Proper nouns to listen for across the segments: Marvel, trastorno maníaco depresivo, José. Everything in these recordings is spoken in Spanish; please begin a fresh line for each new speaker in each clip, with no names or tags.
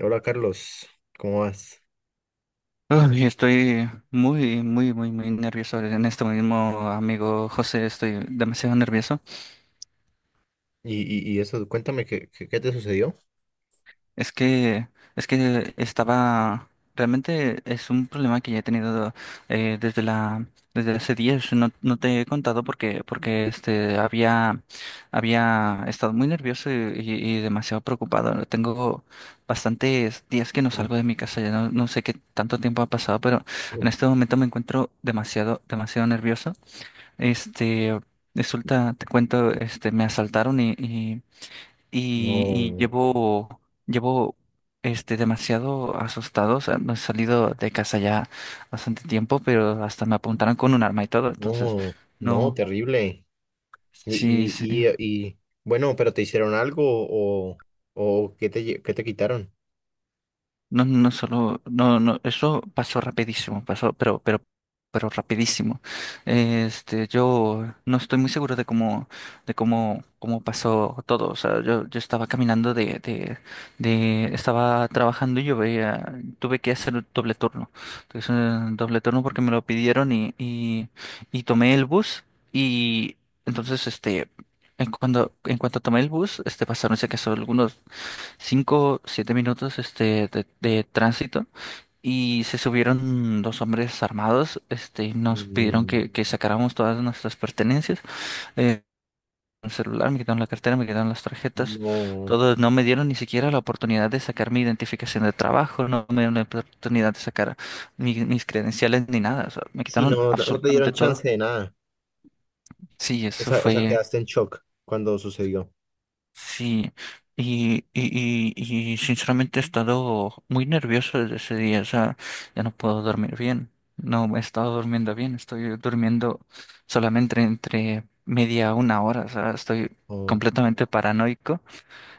Hola Carlos, ¿cómo vas?
Ay, estoy muy, muy, muy, muy nervioso en esto mismo, amigo José, estoy demasiado nervioso.
Y, y eso, cuéntame, ¿qué te sucedió?
Es que, es que estaba, realmente es un problema que ya he tenido eh, desde la, desde hace días. No, no te he contado porque había estado muy nervioso y, y demasiado preocupado. Tengo bastantes días que no
Uh,
salgo de mi casa, ya no, no sé qué tanto tiempo ha pasado, pero
uh,
en este momento me encuentro demasiado, demasiado nervioso. Este, resulta, te cuento, me asaltaron y- y
No,
llevo, demasiado asustado. O sea, no he salido de casa ya bastante tiempo, pero hasta me apuntaron con un arma y todo. Entonces,
no, no,
no,
terrible. Y,
sí, sí.
y, y, y, bueno, pero ¿te hicieron algo o qué te quitaron?
No, no solo, no, no, eso pasó rapidísimo, pasó, pero rapidísimo. Yo no estoy muy seguro cómo pasó todo. O sea, yo estaba caminando estaba trabajando tuve que hacer un doble turno. Entonces, doble turno porque me lo pidieron y tomé el bus y entonces, en cuanto tomé el bus, pasaron, se casó algunos 5 7 minutos de tránsito y se subieron dos hombres armados, y nos pidieron
Mm,
que sacáramos todas nuestras pertenencias, eh, el celular, me quitaron la cartera, me quitaron las tarjetas,
no,
todo, no me dieron ni siquiera la oportunidad de sacar mi identificación de trabajo, no me dieron la oportunidad de sacar mis credenciales ni nada, o sea, me
sí,
quitaron
no, no te
absolutamente
dieron
todo.
chance de nada.
Sí,
O
eso
sea, o sea,
fue.
quedaste en shock cuando sucedió.
Sí, y sinceramente he estado muy nervioso desde ese día, o sea, ya no puedo dormir bien, no he estado durmiendo bien, estoy durmiendo solamente entre media a una hora, o sea, estoy
Oh,
completamente paranoico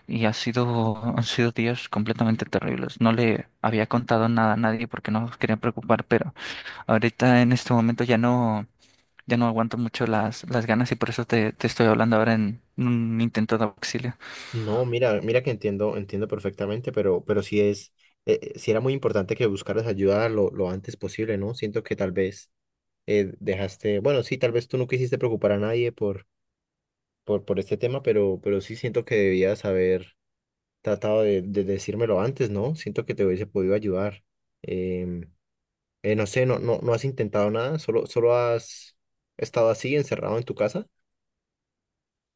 y han sido días completamente terribles. No le había contado nada a nadie porque no quería preocupar, pero ahorita en este momento ya no, ya no aguanto mucho las ganas y por eso te estoy hablando ahora en un intento de auxilio.
no, mira que entiendo, entiendo perfectamente, pero sí era muy importante que buscaras ayuda lo antes posible, ¿no? Siento que tal vez dejaste, bueno, sí, tal vez tú no quisiste preocupar a nadie por este tema, pero sí siento que debías haber tratado de decírmelo antes, ¿no? Siento que te hubiese podido ayudar. Em, no sé, no, no, no has intentado nada, solo has estado así, encerrado en tu casa.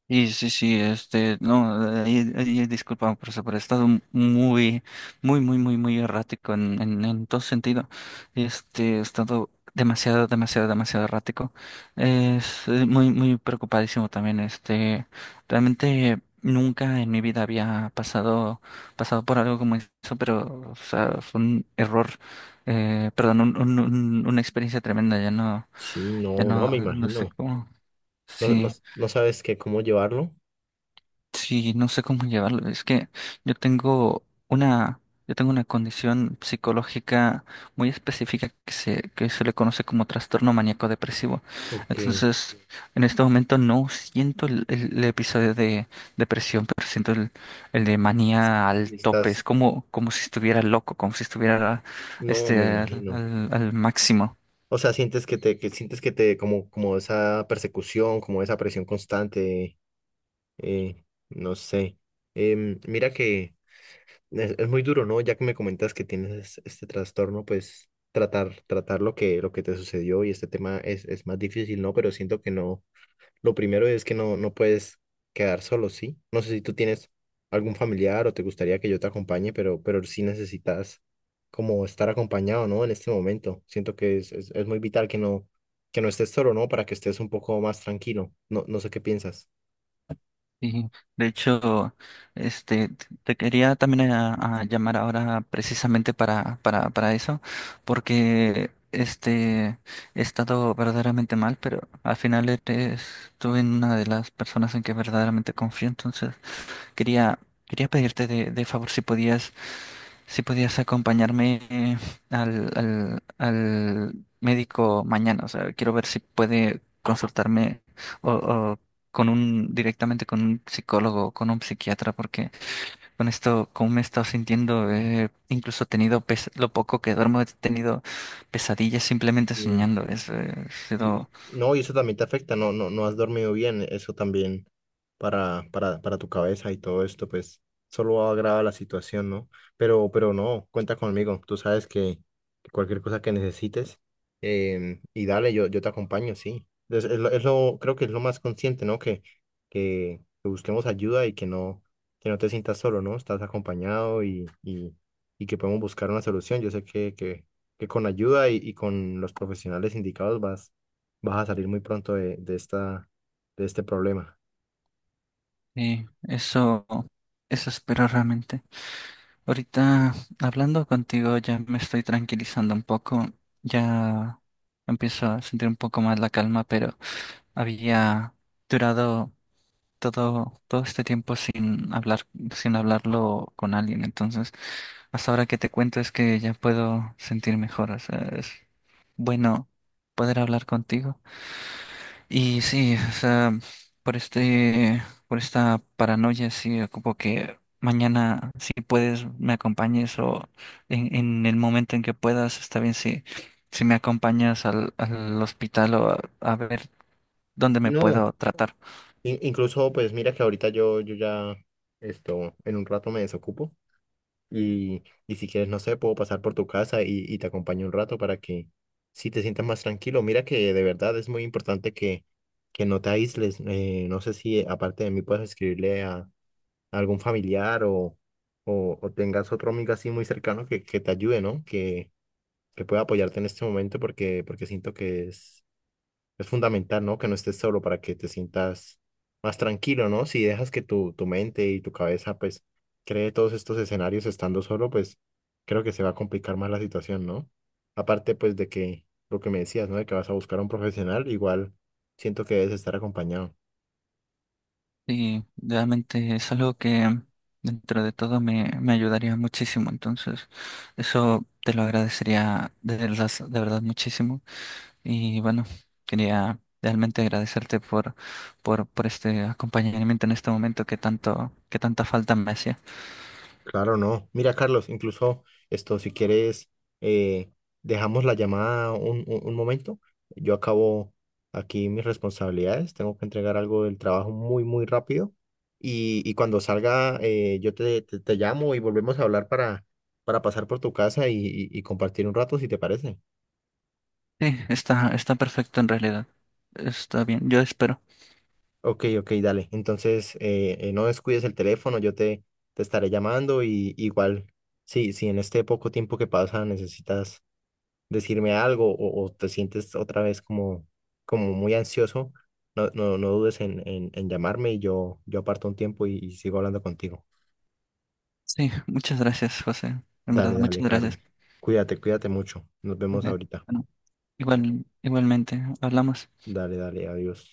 Y sí, sí, no, ahí, disculpa por eso, pero he estado muy, muy, muy, muy, muy errático en todo sentido. He estado demasiado, demasiado, demasiado errático. Es muy, muy preocupadísimo también. Realmente nunca en mi vida había pasado, por algo como eso, pero, o sea, fue un error, perdón, una experiencia tremenda. Ya no,
Sí,
ya
no, no, me
no, no sé
imagino.
cómo.
No, no,
Sí.
no sabes que cómo llevarlo.
Sí, no sé cómo llevarlo. Es que yo tengo una, yo tengo una condición psicológica muy específica que se le conoce como trastorno maníaco depresivo.
Ok, y
Entonces, en este momento no siento el episodio de depresión, pero siento el de manía al tope. Es
estás,
como si estuviera loco, como si estuviera
no, me imagino.
al máximo.
O sea, sientes que te, como esa persecución, como esa presión constante. Eh, no sé. Mira que es muy duro, ¿no? Ya que me comentas que tienes este trastorno, pues tratar lo que te sucedió y este tema es más difícil, ¿no? Pero siento que no. Lo primero es que no, no puedes quedar solo, ¿sí? No sé si tú tienes algún familiar o te gustaría que yo te acompañe, pero sí necesitas como estar acompañado, ¿no? En este momento. Siento que es muy vital que no estés solo, ¿no? Para que estés un poco más tranquilo. No, no sé qué piensas.
Sí, de hecho, te quería también a llamar ahora precisamente para eso, porque he estado verdaderamente mal, pero al final eres, tú en una de las personas en que verdaderamente confío, entonces quería, quería pedirte de favor si podías acompañarme al médico mañana. O sea, quiero ver si puede consultarme o directamente con un psicólogo o con un psiquiatra, porque con esto, como me he estado sintiendo, incluso he tenido, lo poco que duermo, he tenido pesadillas simplemente soñando. Es, ha sido,
No, y eso también te afecta, no, no, no has dormido bien, eso también para tu cabeza y todo esto, pues solo agrava la situación, ¿no? Pero no, cuenta conmigo, tú sabes que cualquier cosa que necesites, y dale, yo te acompaño, sí. Creo que es lo más consciente, ¿no? Que busquemos ayuda y que no te sientas solo, ¿no? Estás acompañado y que podemos buscar una solución. Yo sé que con ayuda y con los profesionales indicados vas a salir muy pronto de este problema.
eh, eso, eso espero realmente. Ahorita hablando contigo ya me estoy tranquilizando un poco, ya empiezo a sentir un poco más la calma, pero había durado todo, todo este tiempo sin hablar, sin hablarlo con alguien. Entonces, hasta ahora que te cuento es que ya puedo sentir mejor. O sea, es bueno poder hablar contigo. Y sí, o sea, por este, por esta paranoia, sí, ocupo que mañana, si puedes, me acompañes o en el momento en que puedas, está bien si me acompañas al hospital o a ver dónde
Y
me
no,
puedo tratar.
incluso pues mira que ahorita yo ya esto, en un rato me desocupo y si quieres, no sé, puedo pasar por tu casa y te acompaño un rato para que si te sientas más tranquilo. Mira que de verdad es muy importante que no te aísles. No sé si aparte de mí puedes escribirle a algún familiar o tengas otro amigo así muy cercano que te ayude, ¿no? Que pueda apoyarte en este momento porque siento que es fundamental, ¿no? Que no estés solo para que te sientas más tranquilo, ¿no? Si dejas que tu mente y tu cabeza, pues, cree todos estos escenarios estando solo, pues, creo que se va a complicar más la situación, ¿no? Aparte, pues, de que lo que me decías, ¿no? De que vas a buscar a un profesional, igual siento que debes estar acompañado.
Y realmente es algo que dentro de todo me ayudaría muchísimo, entonces eso te lo agradecería de verdad muchísimo. Y bueno, quería realmente agradecerte por este acompañamiento en este momento que tanta falta me hacía.
Claro, no. Mira, Carlos, incluso esto, si quieres, eh, dejamos la llamada un momento. Yo acabo aquí mis responsabilidades. Tengo que entregar algo del trabajo muy, muy rápido. Y cuando salga, yo te llamo y volvemos a hablar para pasar por tu casa y compartir un rato, si te parece.
Sí, está perfecto en realidad. Está bien, yo espero.
Ok, ok, dale. Entonces, no descuides el teléfono. Yo te estaré llamando y igual, sí, si en este poco tiempo que pasa necesitas decirme algo o te sientes otra vez como muy ansioso, no, no, no dudes en llamarme y yo aparto un tiempo y sigo hablando contigo.
Sí, muchas gracias, José. En verdad,
Dale, dale,
muchas
Carlos.
gracias.
Cuídate, cuídate mucho. Nos
Ok,
vemos ahorita.
bueno, igualmente, hablamos.
Dale, dale, adiós.